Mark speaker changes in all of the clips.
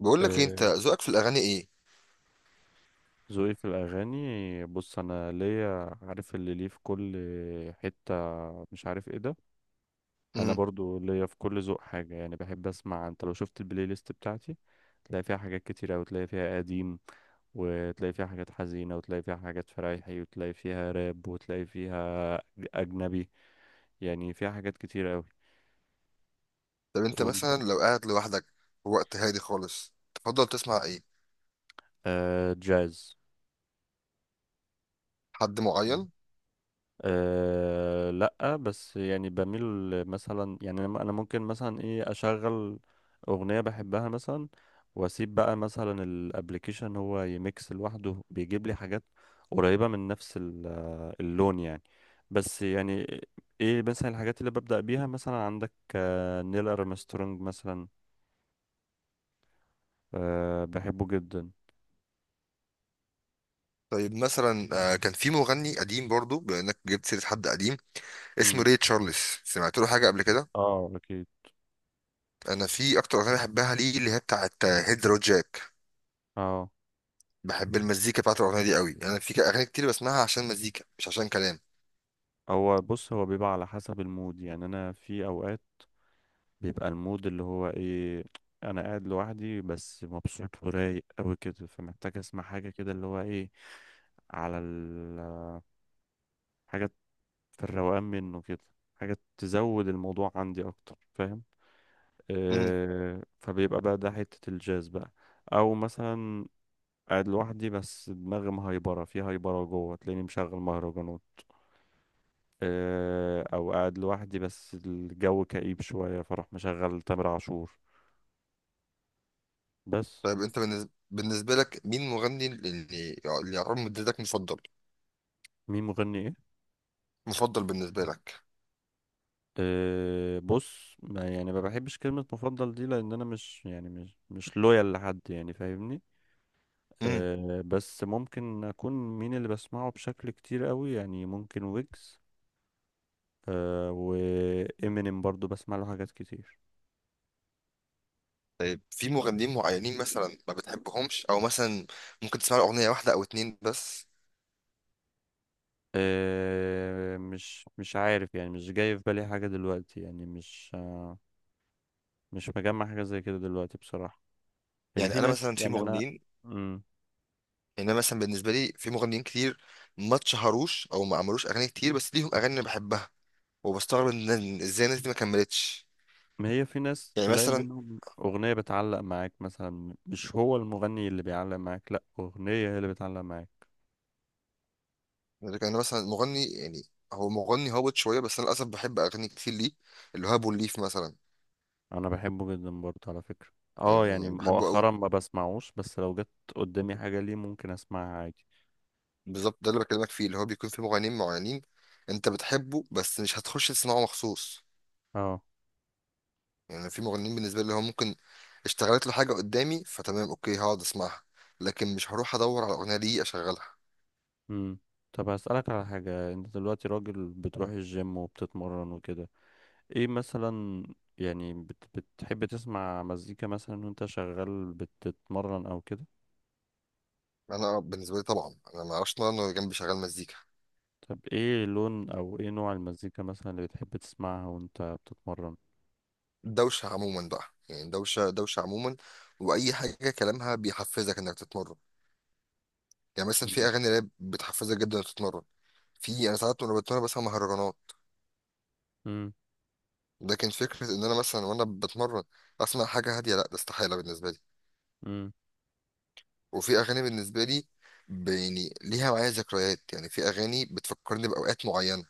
Speaker 1: بقول لك إيه، انت
Speaker 2: آه،
Speaker 1: ذوقك في الاغاني ايه؟
Speaker 2: ذوقي في الأغاني. بص أنا ليا عارف اللي ليه في كل حتة، مش عارف ايه ده. أنا
Speaker 1: امم
Speaker 2: برضو ليا في كل ذوق حاجة، يعني بحب أسمع. أنت لو شفت البلاي ليست بتاعتي تلاقي فيها حاجات كتيرة، وتلاقي فيها قديم، وتلاقي فيها حاجات حزينة، وتلاقي فيها حاجات فرايحي، وتلاقي فيها راب، وتلاقي فيها أجنبي. يعني فيها حاجات كتيرة أوي.
Speaker 1: طب انت
Speaker 2: وأنت؟
Speaker 1: مثلا لو قاعد لوحدك في وقت هادي خالص تفضل تسمع ايه؟
Speaker 2: آه، جاز.
Speaker 1: حد معين؟
Speaker 2: أه لا، بس يعني بميل مثلا، يعني أنا ممكن مثلا ايه اشغل اغنية بحبها مثلا، واسيب بقى مثلا الابليكيشن هو يميكس لوحده، بيجيب لي حاجات قريبة من نفس اللون يعني. بس يعني ايه، مثلا الحاجات اللي ببدأ بيها مثلا، عندك نيل ارمسترونج مثلا. أه بحبه جدا.
Speaker 1: طيب مثلا كان في مغني قديم برضو بما انك جبت سيره حد قديم اسمه
Speaker 2: مم.
Speaker 1: ري تشارلز. سمعت له حاجه قبل كده؟
Speaker 2: اه اكيد.
Speaker 1: انا في اكتر اغنيه بحبها ليه اللي هي بتاعه هيدرو جاك.
Speaker 2: اه.
Speaker 1: بحب المزيكا بتاعت الاغنيه دي قوي، يعني انا في اغاني كتير بسمعها عشان مزيكا مش عشان كلام.
Speaker 2: هو بص، هو بيبقى على حسب المود. يعني انا في اوقات بيبقى المود اللي هو ايه، انا قاعد لوحدي بس مبسوط ورايق قوي كده، فمحتاج اسمع حاجه كده اللي هو ايه على حاجه في الروقان منه كده، حاجه تزود الموضوع عندي اكتر، فاهم؟
Speaker 1: امم
Speaker 2: آه، فبيبقى بقى ده حته الجاز بقى. او مثلا قاعد لوحدي بس دماغي مهيبره في هيبره جوه، تلاقيني مشغل مهرجانات. آه، او قاعد لوحدي بس الجو كئيب شويه، فاروح مشغل تامر عاشور بس.
Speaker 1: طيب انت بالنسبة لك مين مغني اللي اللي يعتبر مدتك مفضل؟
Speaker 2: مين مغني ايه؟
Speaker 1: مفضل بالنسبه لك.
Speaker 2: أه بص، يعني ما بحبش كلمة مفضل دي، لأن أنا مش يعني مش لويال لحد، يعني فاهمني. أه، بس ممكن أكون مين اللي بسمعه بشكل كتير قوي، يعني ممكن ويجز، أه، وإمينيم برضو بسمع له حاجات كتير.
Speaker 1: طيب في مغنيين معينين مثلا ما بتحبهمش او مثلا ممكن تسمع اغنيه واحده او اتنين بس؟
Speaker 2: أه مش عارف، يعني مش جاي في بالي حاجة دلوقتي، يعني مش مجمع حاجة زي كده دلوقتي بصراحة. يعني
Speaker 1: يعني
Speaker 2: في
Speaker 1: انا
Speaker 2: ناس،
Speaker 1: مثلا في
Speaker 2: يعني أنا.
Speaker 1: مغنيين،
Speaker 2: مم.
Speaker 1: يعني انا مثلا بالنسبه لي في مغنيين كتير ما اتشهروش او ما عملوش اغاني كتير بس ليهم اغاني انا بحبها، وبستغرب إن ازاي الناس دي ما كملتش.
Speaker 2: ما هي في ناس
Speaker 1: يعني
Speaker 2: تلاقي
Speaker 1: مثلا
Speaker 2: منهم أغنية بتعلق معاك مثلا، مش هو المغني اللي بيعلق معاك، لأ أغنية هي اللي بتعلق معاك.
Speaker 1: يعني انا مثلا مغني، يعني هو مغني هابط شويه بس انا للاسف بحب اغاني كتير ليه، اللي هو ابو الليف مثلا.
Speaker 2: أنا بحبه جدا برضه على فكرة. اه، يعني
Speaker 1: يعني بحبه قوي.
Speaker 2: مؤخرا ما بسمعوش، بس لو جت قدامي حاجة ليه ممكن أسمعها عادي.
Speaker 1: بالظبط ده اللي بكلمك فيه، اللي هو بيكون في مغنيين معينين انت بتحبه بس مش هتخش تسمعه مخصوص.
Speaker 2: اه.
Speaker 1: يعني في مغنيين بالنسبه لي هو ممكن اشتغلت له حاجه قدامي فتمام اوكي هقعد اسمعها، لكن مش هروح ادور على الاغنيه دي اشغلها.
Speaker 2: امم. طب هسألك على حاجة، انت دلوقتي راجل بتروح الجيم وبتتمرن وكده. ايه مثلا، يعني بت... بتحب تسمع مزيكا مثلا وانت شغال بتتمرن او كده؟
Speaker 1: انا بالنسبه لي طبعا انا ما اعرفش ان انا جنبي شغال مزيكا.
Speaker 2: طب ايه لون او ايه نوع المزيكا مثلا اللي بتحب تسمعها وانت بتتمرن؟
Speaker 1: دوشه عموما بقى، يعني دوشه عموما. واي حاجه كلامها بيحفزك انك تتمرن، يعني مثلا في
Speaker 2: مم.
Speaker 1: اغاني راب بتحفزك جدا انك تتمرن. في انا ساعات وانا بتمرن بسمع مهرجانات.
Speaker 2: مم.
Speaker 1: لكن فكره ان انا مثلا وانا بتمرن اسمع حاجه هاديه لا ده استحاله بالنسبه لي.
Speaker 2: مم.
Speaker 1: وفي اغاني بالنسبه لي، يعني ليها معايا ذكريات، يعني في اغاني بتفكرني باوقات معينه.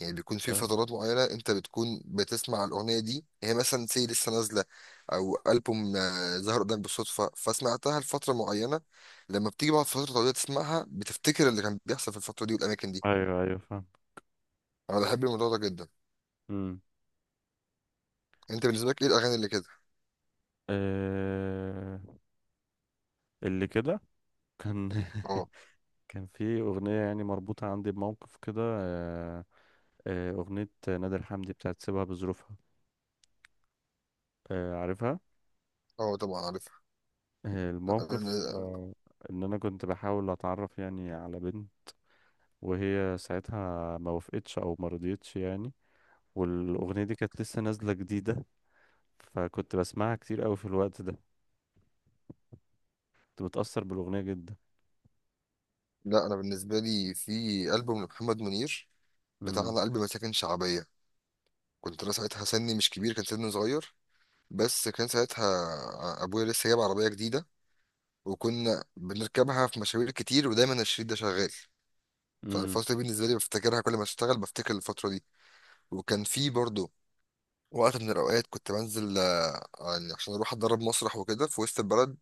Speaker 1: يعني بيكون في
Speaker 2: آه،
Speaker 1: فترات معينه انت بتكون بتسمع الاغنيه دي، هي مثلا سي لسه نازله او البوم ظهر قدامك بالصدفه فسمعتها لفتره معينه. لما بتيجي بعد فتره طويله تسمعها بتفتكر اللي كان بيحصل في الفتره دي والاماكن دي.
Speaker 2: ايوه ايوه فاهم.
Speaker 1: انا بحب الموضوع ده جدا.
Speaker 2: مم.
Speaker 1: انت بالنسبه لك ايه الاغاني اللي كده؟
Speaker 2: آه... اللي كده كان
Speaker 1: اه.
Speaker 2: كان في اغنيه يعني مربوطه عندي بموقف كده، اغنيه نادر حمدي بتاعت سيبها بظروفها، عارفها.
Speaker 1: اه طبعا عارفها.
Speaker 2: آه
Speaker 1: لا
Speaker 2: الموقف
Speaker 1: انا
Speaker 2: ان انا كنت بحاول اتعرف يعني على بنت، وهي ساعتها ما وافقتش او ما رضيتش يعني، والاغنيه دي كانت لسه نازله جديده، فكنت بسمعها كتير قوي في الوقت ده، كنت متأثر بالأغنية جدا.
Speaker 1: لا انا بالنسبه لي في البوم لمحمد منير
Speaker 2: امم.
Speaker 1: بتاعنا قلب مساكن شعبيه، كنت انا ساعتها سني مش كبير، كان سني صغير، بس كان ساعتها ابويا لسه جايب عربيه جديده وكنا بنركبها في مشاوير كتير ودايما الشريط ده شغال.
Speaker 2: امم.
Speaker 1: فالفتره دي بالنسبه لي بفتكرها، كل ما اشتغل بفتكر الفتره دي. وكان في برضه وقت من الاوقات كنت بنزل يعني عشان اروح اتدرب مسرح وكده في وسط البلد،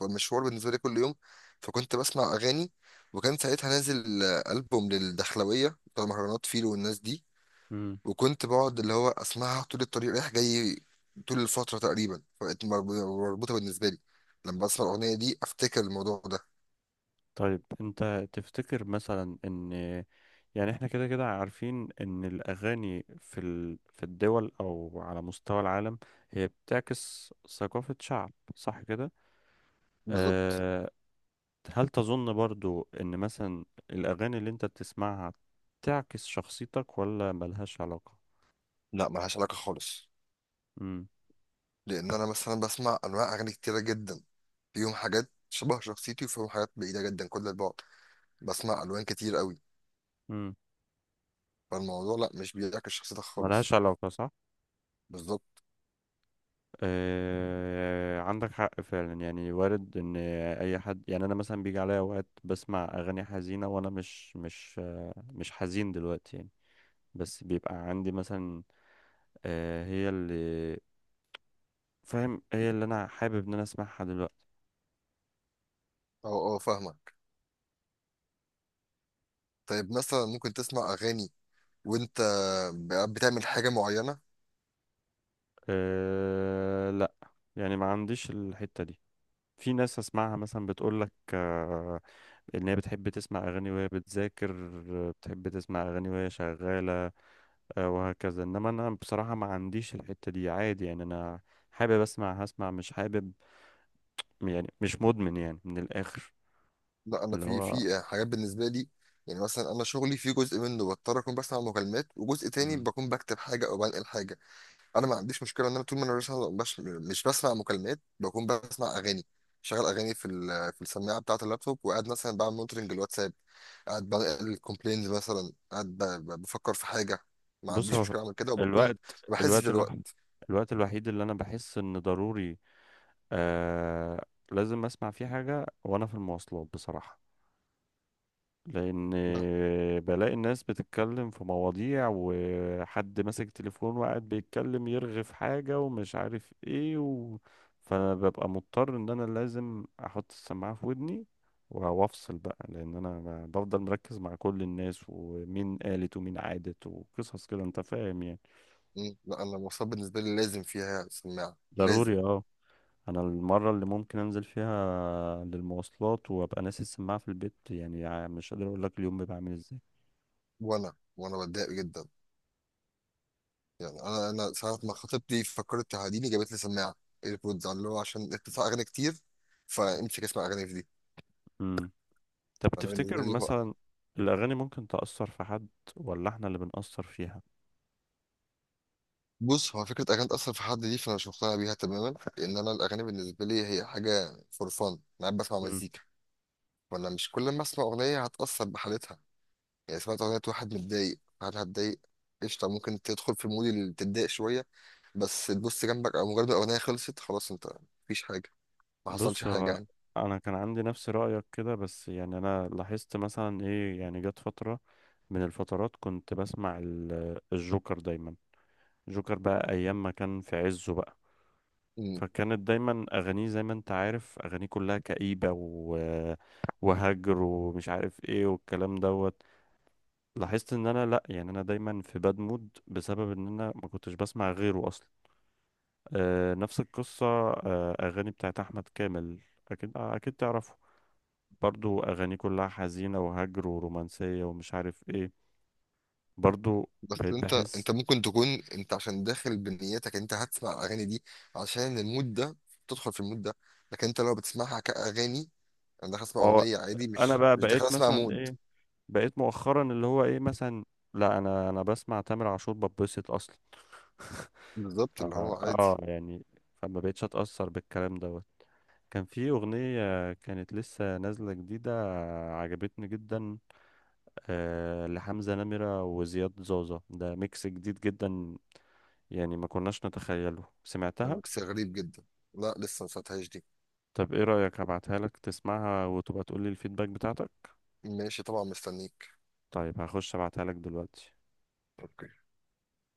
Speaker 1: والمشوار بالنسبه لي كل يوم، فكنت بسمع اغاني. وكان ساعتها نازل البوم للدخلويه بتاع مهرجانات فيلو والناس دي،
Speaker 2: امم.
Speaker 1: وكنت بقعد اللي هو اسمعها طول الطريق رايح جاي طول الفتره تقريبا، فبقت مربوطه بالنسبه لي، لما بسمع الاغنيه دي افتكر الموضوع ده.
Speaker 2: طيب انت تفتكر مثلا ان، يعني احنا كده كده عارفين ان الأغاني في في الدول او على مستوى العالم هي بتعكس ثقافة شعب، صح كده؟
Speaker 1: بالظبط.
Speaker 2: أه، هل تظن برضو ان مثلا الأغاني اللي انت بتسمعها تعكس شخصيتك ولا ملهاش علاقة؟
Speaker 1: لا ملهاش علاقه خالص،
Speaker 2: امم.
Speaker 1: لان انا مثلا بسمع انواع اغاني كتيره جدا، فيهم حاجات شبه شخصيتي وفيهم حاجات بعيده جدا كل البعد، بسمع الوان كتير قوي.
Speaker 2: امم.
Speaker 1: فالموضوع لا مش بيعكس شخصيتك
Speaker 2: ملهاش
Speaker 1: خالص.
Speaker 2: علاقة صح.
Speaker 1: بالظبط.
Speaker 2: آه، عندك حق فعلا. يعني وارد ان اي حد، يعني انا مثلا بيجي عليا اوقات بسمع اغاني حزينه وانا مش حزين دلوقتي يعني. بس بيبقى عندي مثلا آه، هي اللي فاهم، هي اللي انا حابب ان انا اسمعها دلوقتي.
Speaker 1: اه. اه فاهمك. طيب مثلا ممكن تسمع اغاني وانت بتعمل حاجه معينه؟
Speaker 2: أه لا، يعني ما عنديش الحته دي. في ناس اسمعها مثلا بتقول لك ان هي بتحب تسمع اغاني وهي بتذاكر، بتحب تسمع اغاني وهي شغاله، وهكذا. انما انا بصراحة ما عنديش الحتة دي، عادي يعني. انا حابب اسمع هسمع، مش حابب، يعني مش مدمن يعني من الاخر.
Speaker 1: لا انا
Speaker 2: اللي
Speaker 1: في
Speaker 2: هو.
Speaker 1: حاجات بالنسبه لي، يعني مثلا انا شغلي في جزء منه بضطر اكون بسمع مكالمات وجزء تاني
Speaker 2: مم.
Speaker 1: بكون بكتب حاجه او بنقل حاجه. انا ما عنديش مشكله ان انا طول ما انا مش بسمع مكالمات بكون بسمع اغاني، شغال اغاني في في السماعه بتاعه اللابتوب وقاعد مثلا بعمل مونترنج الواتساب، قاعد بنقل الكومبلينز، مثلا قاعد بفكر في حاجه، ما
Speaker 2: بص
Speaker 1: عنديش
Speaker 2: هو
Speaker 1: مشكله اعمل كده وبكون ما
Speaker 2: الوقت
Speaker 1: بحسش
Speaker 2: الوقت الوح...
Speaker 1: بالوقت.
Speaker 2: الوقت الوحيد اللي انا بحس ان ضروري آه لازم اسمع فيه حاجة وانا في المواصلات بصراحة. لان
Speaker 1: لا.
Speaker 2: بلاقي الناس بتتكلم في مواضيع، وحد ماسك تليفون وقاعد بيتكلم يرغي في حاجة ومش عارف ايه فانا ببقى مضطر ان انا لازم احط السماعة في ودني، وافصل بقى. لان انا بفضل مركز مع كل الناس، ومين قالت ومين عادت وقصص كده، انت فاهم يعني.
Speaker 1: لا انا المواصلات بالنسبه لي لازم فيها سماعه، لازم.
Speaker 2: ضروري اه. انا المرة اللي ممكن انزل فيها للمواصلات وابقى ناسي السماعة في البيت، يعني مش قادر اقول لك اليوم بيبقى عامل ازاي.
Speaker 1: وانا بتضايق جدا، يعني انا ساعه ما خطيبتي فكرت تعاديني جابت لي سماعه ايربودز اللي هو عشان اتفق اغاني كتير، فامسك اسمع اغاني في دي.
Speaker 2: إمم. طب
Speaker 1: فانا بالنسبه
Speaker 2: تفتكر
Speaker 1: لي هو
Speaker 2: مثلا الأغاني ممكن تأثر في حد، ولا احنا اللي بنأثر فيها؟
Speaker 1: بص هو فكره اغاني تاثر في حد دي فانا مش مقتنع بيها تماما، لان انا الاغاني بالنسبه لي هي حاجه فور فان، انا قاعد بسمع
Speaker 2: مم.
Speaker 1: مزيكا. فانا مش كل ما اسمع اغنيه هتاثر بحالتها، يعني سمعت اغنيه واحد متضايق هل هتضايق؟ قشطه ممكن تدخل في المود اللي تتضايق شويه، بس تبص جنبك او مجرد ما الاغنيه خلصت خلاص انت مفيش حاجه، ما حصلش
Speaker 2: بص هو،
Speaker 1: حاجه.
Speaker 2: أنا كان عندي نفس رأيك كده، بس يعني أنا لاحظت مثلا إيه. يعني جت فترة من الفترات كنت بسمع الجوكر دايما، جوكر بقى أيام ما كان في عزه بقى.
Speaker 1: يعني
Speaker 2: فكانت دايما أغانيه زي ما أنت عارف، أغانيه كلها كئيبة وهجر ومش عارف إيه والكلام دوت. لاحظت إن أنا لأ، يعني أنا دايما في باد مود بسبب إن أنا ما كنتش بسمع غيره أصلا. آه، نفس القصة، أغاني بتاعت أحمد كامل. أكيد، أكيد تعرفه. برضو أغاني كلها حزينة وهجر ورومانسية ومش عارف إيه، برضو
Speaker 1: بس
Speaker 2: بقيت
Speaker 1: انت
Speaker 2: بحس.
Speaker 1: انت ممكن تكون انت عشان داخل بنيتك انت هتسمع الاغاني دي عشان المود ده، تدخل في المود ده. لكن انت لو بتسمعها كاغاني، انا داخل اسمع
Speaker 2: ما هو
Speaker 1: اغنيه عادي،
Speaker 2: أنا
Speaker 1: مش
Speaker 2: بقى
Speaker 1: مش داخل
Speaker 2: بقيت
Speaker 1: اسمع
Speaker 2: مثلا
Speaker 1: مود.
Speaker 2: إيه، بقيت مؤخرا اللي هو إيه مثلا، لا أنا بسمع تامر عاشور ببسط أصلا ف-
Speaker 1: بالظبط اللي هو عادي.
Speaker 2: آه يعني فما بقيتش أتأثر بالكلام دوت. كان في أغنية كانت لسه نازلة جديدة عجبتني جدا، آه، لحمزة نمرة وزياد زوزة، ده ميكس جديد جدا يعني ما كناش نتخيله،
Speaker 1: ده
Speaker 2: سمعتها.
Speaker 1: ميكس غريب جدا. لا لسه ما سمعتهاش دي.
Speaker 2: طب ايه رأيك، هبعتها لك تسمعها وتبقى تقولي الفيدباك بتاعتك؟
Speaker 1: ماشي طبعا مستنيك.
Speaker 2: طيب هخش ابعتها لك دلوقتي.
Speaker 1: اوكي.